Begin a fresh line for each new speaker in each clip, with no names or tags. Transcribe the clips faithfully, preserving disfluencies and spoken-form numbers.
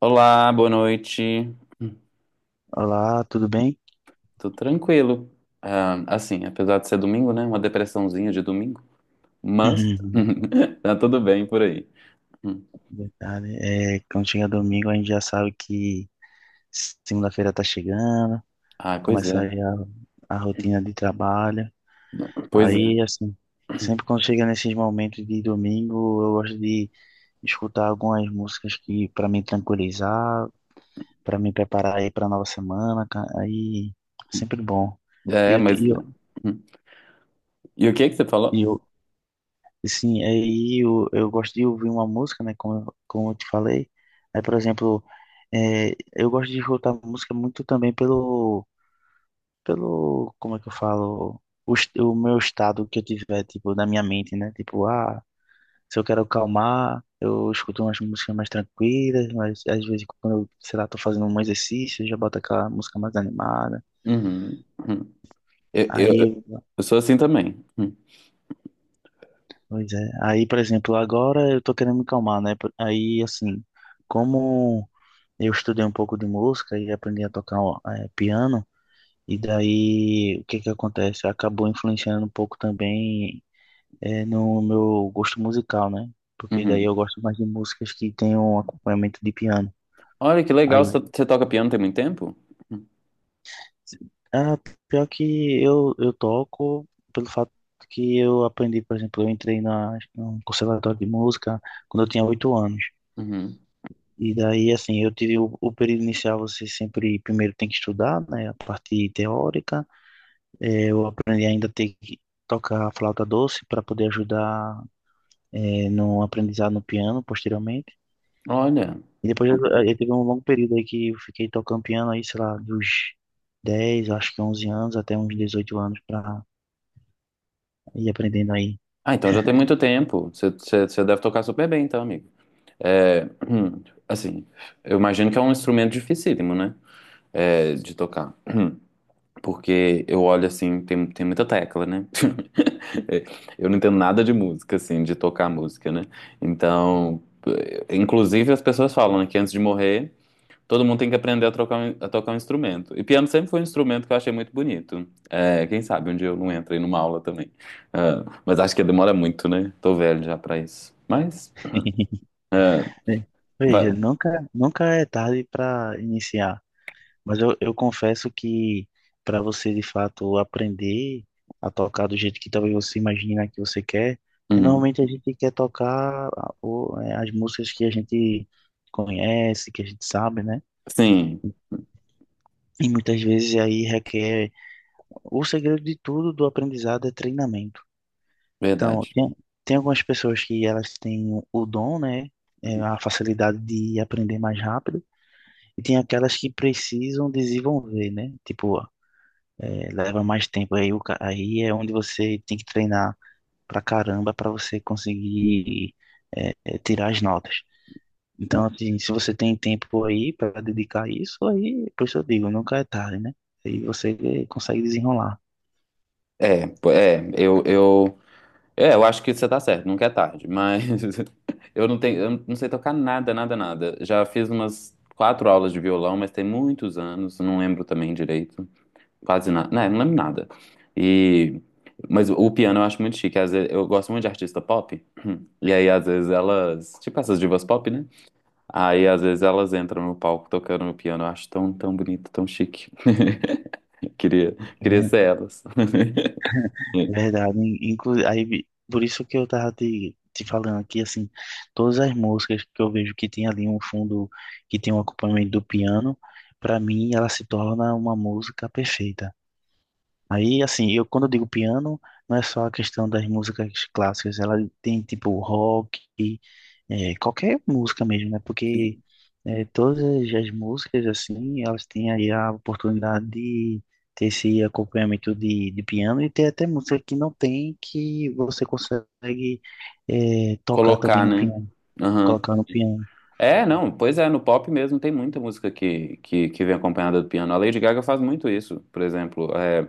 Olá, boa noite.
Olá, tudo bem?
Tô tranquilo. Ah, assim, apesar de ser domingo, né? Uma depressãozinha de domingo, mas tá tudo bem por aí. Hum.
Verdade. É, quando chega domingo, a gente já sabe que segunda-feira tá chegando,
Ah, pois
começa
é,
aí a, a rotina de trabalho.
pois é.
Aí, assim, sempre quando chega nesses momentos de domingo, eu gosto de escutar algumas músicas que para me tranquilizar, para me preparar aí para nova semana. ca- Aí, sempre bom. E
É,
eu,
mas. Hum. E o que é que você
e
falou?
eu, Sim, aí eu, eu gosto de ouvir uma música, né? Como, eu- como eu te falei. Aí, por exemplo, é, eu gosto de escutar música muito também pelo, pelo, como é que eu falo? O, est- o meu estado que eu tiver, tipo, na minha mente, né? Tipo, ah, se eu quero acalmar, eu escuto umas músicas mais tranquilas, mas às vezes quando eu, sei lá, tô fazendo um exercício, eu já boto aquela música mais animada.
Uhum. Uhum. Eu, eu,
Aí,
eu sou assim também. Uhum.
pois é. Aí, por exemplo, agora eu tô querendo me calmar, né? Aí, assim, como. Eu estudei um pouco de música e aprendi a tocar ó, eh, piano, e daí o que que acontece? Acabou influenciando um pouco também eh, no meu gosto musical, né? Porque daí eu
Uhum.
gosto mais de músicas que tenham um acompanhamento de piano.
Olha que legal, você
Aí,
você toca piano tem muito tempo? Hum,
ah, pior que eu, eu toco pelo fato que eu aprendi, por exemplo, eu entrei na, num conservatório de música quando eu tinha oito anos.
Uhum.
E daí, assim, eu tive o, o período inicial, você sempre primeiro tem que estudar, né? A parte teórica. Eh, Eu aprendi ainda a ter que tocar flauta doce para poder ajudar eh, no aprendizado no piano posteriormente.
Olha.
E depois eu, eh, eu teve um longo período aí que eu fiquei tocando piano aí, sei lá, dos dez, acho que onze anos até uns dezoito anos para ir aprendendo aí.
Ah, então já tem muito tempo. Você, você, você deve tocar super bem, então, amigo. É, assim, eu imagino que é um instrumento dificílimo, né? É, de tocar. Porque eu olho assim, tem, tem muita tecla, né? É, eu não entendo nada de música, assim, de tocar música, né? Então, eh, inclusive as pessoas falam, né, que antes de morrer, todo mundo tem que aprender a, trocar, um- a tocar um instrumento. E piano sempre foi um instrumento que eu achei muito bonito. É, quem sabe um dia eu não entro aí numa aula também. Ah, mas acho que demora muito, né? Tô velho já pra isso. Mas, ah,
Né? Veja,
vai.
nunca, nunca é tarde para iniciar. Mas eu, eu confesso que para você de fato aprender a tocar do jeito que talvez você imagina que você quer, que
Uhum.
normalmente a gente quer tocar a- o- é, as músicas que a gente conhece, que a gente sabe, né?
Sim.
E muitas vezes aí requer. O segredo de tudo do aprendizado é treinamento. Então,
Verdade.
tem, tem algumas pessoas que elas têm o dom, né? É, a facilidade de aprender mais rápido, e tem aquelas que precisam desenvolver, né? Tipo, é, leva mais tempo. Aí, o ca- aí é onde você tem que treinar pra caramba pra você conseguir é, é, tirar as notas. Então, assim, se você tem tempo aí pra dedicar a isso, aí, por isso eu digo, nunca é tarde, né? Aí você consegue desenrolar.
É, pô, é, eu, eu, é, eu acho que você tá certo, nunca é tarde, mas eu não tenho, eu não sei tocar nada, nada, nada. Já fiz umas quatro aulas de violão, mas tem muitos anos, não lembro também direito, quase nada, né, não lembro nada. E, mas o piano eu acho muito chique, às vezes, eu gosto muito de artista pop, e aí às vezes elas, tipo essas divas pop, né? Aí às vezes elas entram no palco tocando no piano, eu acho tão, tão bonito, tão chique. Queria,
É
queria
ver-
ser elas.
Verdade. Inclu aí, vi- por isso que eu tava te, te falando aqui, assim, todas as músicas que eu vejo que tem ali um fundo, que tem um acompanhamento do piano, pra mim ela se torna uma música perfeita. Aí, assim, eu quando eu digo piano, não é só a questão das músicas clássicas, ela tem tipo rock, é, qualquer música mesmo, né? Porque é, todas as músicas, assim, elas têm aí a oportunidade de ter esse acompanhamento de, de piano, e tem até música que não tem, que você consegue é, tocar também
Colocar,
no
né?
piano,
Aham.
colocar no piano.
É, não, pois é, no pop mesmo tem muita música que, que, que vem acompanhada do piano. A Lady Gaga faz muito isso, por exemplo. É,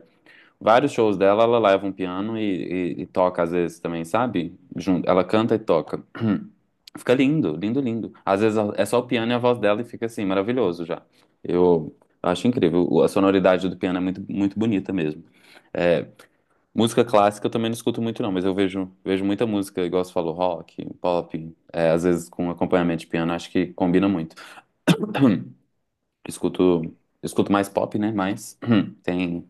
vários shows dela, ela leva um piano e, e- e toca às vezes também, sabe? Junto, ela canta e toca. Fica lindo, lindo, lindo. Às vezes é só o piano e a voz dela e fica assim, maravilhoso já. Eu acho incrível. A sonoridade do piano é muito, muito bonita mesmo. É, música clássica eu também não escuto muito, não, mas eu vejo, vejo muita música, igual você falou, rock, pop, é, às vezes com acompanhamento de piano, acho que combina muito. Escuto, escuto mais pop, né? Mas tem,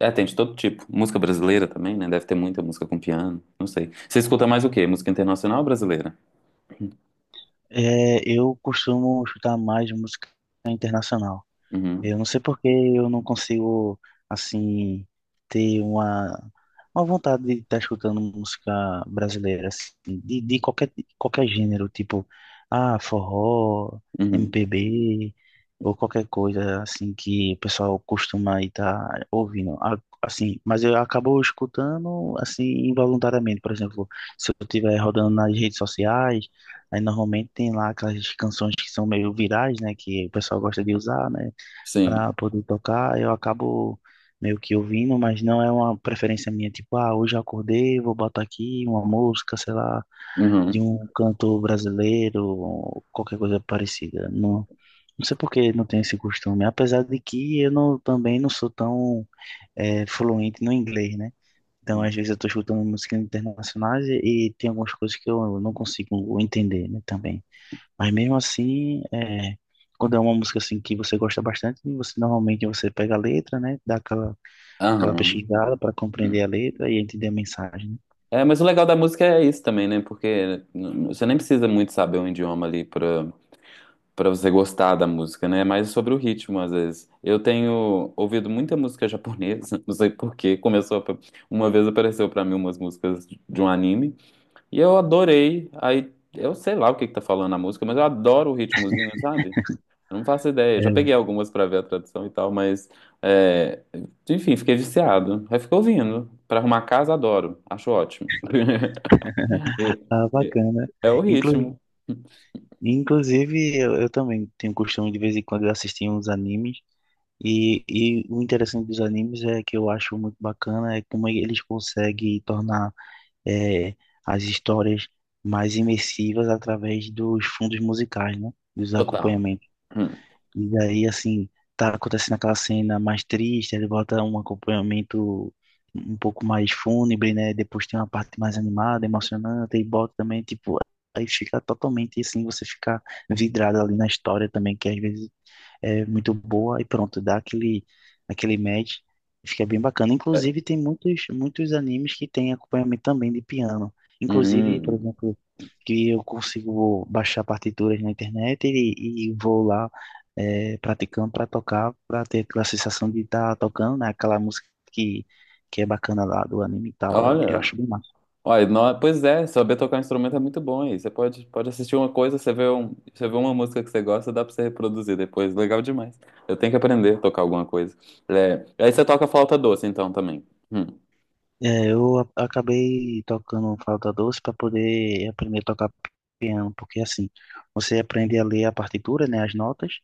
é, tem de todo tipo. Música brasileira também, né? Deve ter muita música com piano, não sei. Você escuta mais o quê? Música internacional ou brasileira?
É, eu costumo escutar mais música internacional.
Uhum,
Eu não sei porque eu não consigo, assim, ter uma, uma vontade de estar escutando música brasileira, assim, de, de qualquer, qualquer gênero, tipo, ah, forró,
uhum,
M P B, ou qualquer coisa, assim, que o pessoal costuma estar ouvindo. Ah, assim, mas eu acabo escutando, assim, involuntariamente, por exemplo, se eu estiver rodando nas redes sociais, aí normalmente tem lá aquelas canções que são meio virais, né, que o pessoal gosta de usar, né,
sim,
para poder tocar, eu acabo meio que ouvindo, mas não é uma preferência minha, tipo, ah, hoje eu acordei, vou botar aqui uma música, sei lá, de
uhum,
um cantor brasileiro, qualquer coisa parecida. Não, não sei por que não tenho esse costume, apesar de que eu não, também não sou tão eh, fluente no inglês, né? Então, às vezes eu estou escutando músicas internacionais e, e tem algumas coisas que eu não consigo entender, né, também. Mas mesmo assim, é, quando é uma música assim que você gosta bastante, você normalmente você pega a letra, né? Dá aquela, aquela
aham.
pesquisada para compreender a letra e entender a mensagem, né?
É, mas o legal da música é isso também, né? Porque n- n- você nem precisa muito saber um idioma ali pra para você gostar da música, né? É mais sobre o ritmo, às vezes. Eu tenho ouvido muita música japonesa, não sei por quê. Começou a- uma vez apareceu para mim umas músicas de um anime e eu adorei. Aí eu sei lá o que que tá falando a música, mas eu adoro o ritmozinho, sabe? Eu não faço ideia. Já peguei
É,
algumas para ver a tradução e tal, mas é, enfim, fiquei viciado. Aí fico ouvindo. Para arrumar casa, adoro. Acho ótimo. É,
tá
é-
bacana.
é o
Inclu-
ritmo
Inclusive, eu, eu também tenho costume de vez em quando de assistir uns animes. E, e o interessante dos animes é que eu acho muito bacana é como eles conseguem tornar é, as histórias mais imersivas através dos fundos musicais, né? Dos
total.
acompanhamentos.
Hum,
E daí, assim, tá acontecendo aquela cena mais triste, ele bota um acompanhamento um pouco mais fúnebre, né? Depois tem uma parte mais animada, emocionante, e bota também, tipo, aí fica totalmente assim, você fica vidrado ali na história também, que às vezes é muito boa e pronto, dá aquele, aquele match e fica bem bacana. Inclusive,
é.
tem muitos, muitos animes que tem acompanhamento também de piano. Inclusive, por
Hum.
exemplo, que eu consigo baixar partituras na internet e, e vou lá é, praticando para tocar, para ter aquela sensação de estar tocando, né? Aquela música que, que é bacana lá do anime e tal. É- Eu
Olha.
acho bem massa.
Olha, não, pois é, saber tocar um instrumento é muito bom aí. Você pode, pode assistir uma coisa, você vê, um, você vê uma música que você gosta, dá pra você reproduzir depois. Legal demais. Eu tenho que aprender a tocar alguma coisa. É, aí você toca flauta doce, então, também. Hum,
É, eu a- acabei tocando flauta doce para poder aprender a tocar piano, porque assim, você aprende a ler a partitura, né, as notas,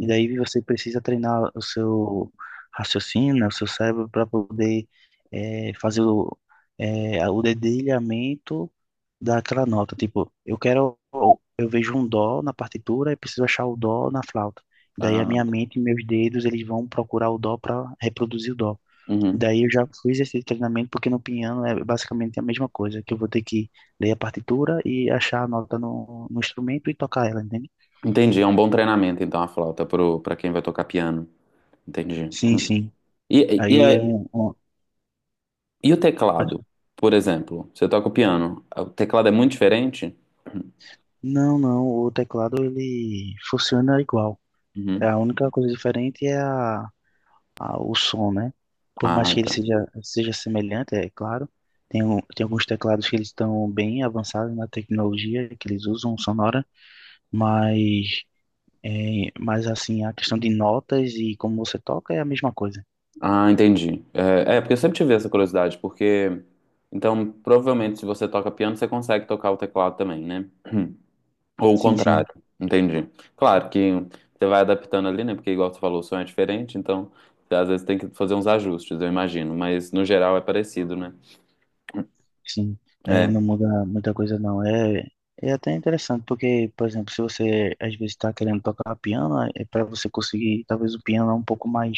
e daí você precisa treinar o seu raciocínio, né, o seu cérebro para poder é, fazer o, é, o dedilhamento daquela nota. Tipo, eu quero, eu vejo um dó na partitura e preciso achar o dó na flauta. Daí a
Ah,
minha
tá.
mente e meus dedos, eles vão procurar o dó para reproduzir o dó.
Uhum.
Daí eu já fiz esse treinamento porque no piano é basicamente a mesma coisa, que eu vou ter que ler a partitura e achar a nota no, no instrumento e tocar ela, entende?
Entendi, é um bom treinamento, então, a flauta pro, pra quem vai tocar piano. Entendi.
Sim, sim.
E, e,
Aí é
e,
um, um-
e o teclado, por exemplo? Você toca o piano, o teclado é muito diferente?
Não, não, o teclado ele funciona igual. É,
Uhum.
a única coisa diferente é a, a- o som, né? Por mais
Ah,
que ele
tá.
seja, seja semelhante, é claro. Tem, um- tem alguns teclados que eles estão bem avançados na tecnologia que eles usam sonora, mas é, mas assim, a questão de notas e como você toca é a mesma coisa.
Ah, entendi. É, é, porque eu sempre tive essa curiosidade, porque então provavelmente se você toca piano, você consegue tocar o teclado também, né? Ou o
Sim, sim,
contrário. Entendi. Claro que você vai adaptando ali, né? Porque igual você falou, o som é diferente, então você, às vezes tem que fazer uns ajustes, eu imagino, mas no geral é parecido, né?
sim. É, não
É.
muda muita coisa não. É, é até interessante, porque, por exemplo, se você às vezes está querendo tocar piano, é para você conseguir, talvez o piano é um pouco mais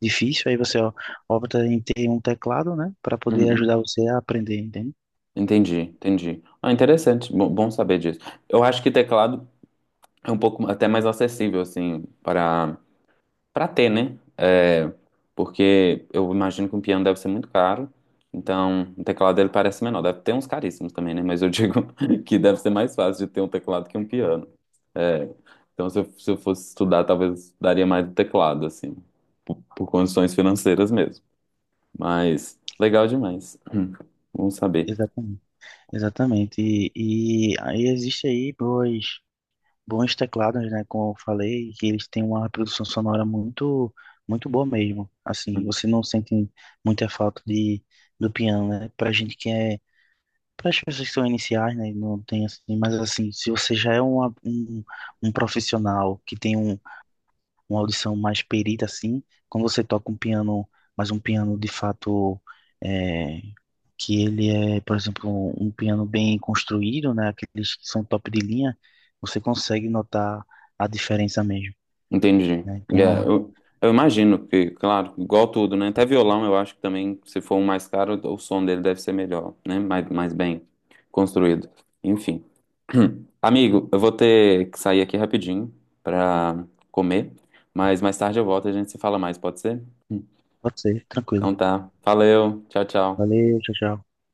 difícil, aí você ó, opta em ter um teclado, né, para poder
Uhum.
ajudar você a aprender, entende?
Entendi, entendi. Ah, interessante. Bom, bom saber disso. Eu acho que teclado é um pouco até mais acessível assim para pra ter, né? É, porque eu imagino que um piano deve ser muito caro. Então, o teclado dele parece menor. Deve ter uns caríssimos também, né? Mas eu digo que deve ser mais fácil de ter um teclado que um piano. É, então, se eu, se eu fosse estudar, talvez daria mais do teclado, assim, por condições financeiras mesmo. Mas, legal demais. Vamos saber.
Exatamente. Exatamente. E, e aí existe aí boas, bons teclados, né? Como eu falei, que eles têm uma produção sonora muito, muito boa mesmo. Assim, você não sente muita falta de, do piano, né? Pra gente que é, para as pessoas que são iniciais, né? Não tem assim, mas assim, se você já é uma, um, um profissional que tem um, uma audição mais perita, assim, quando você toca um piano, mas um piano de fato é, que ele é, por exemplo, um piano bem construído, né? Aqueles que são top de linha, você consegue notar a diferença mesmo,
Entendi.
né?
É,
Então,
eu, eu imagino que, claro, igual tudo, né? Até violão, eu acho que também, se for um mais caro, o som dele deve ser melhor, né? Mais, mais bem construído. Enfim. Amigo, eu vou ter que sair aqui rapidinho pra comer, mas mais tarde eu volto e a gente se fala mais, pode ser?
pode ser,
Então
tranquilo.
tá. Valeu. Tchau, tchau.
Valeu, tchau, tchau.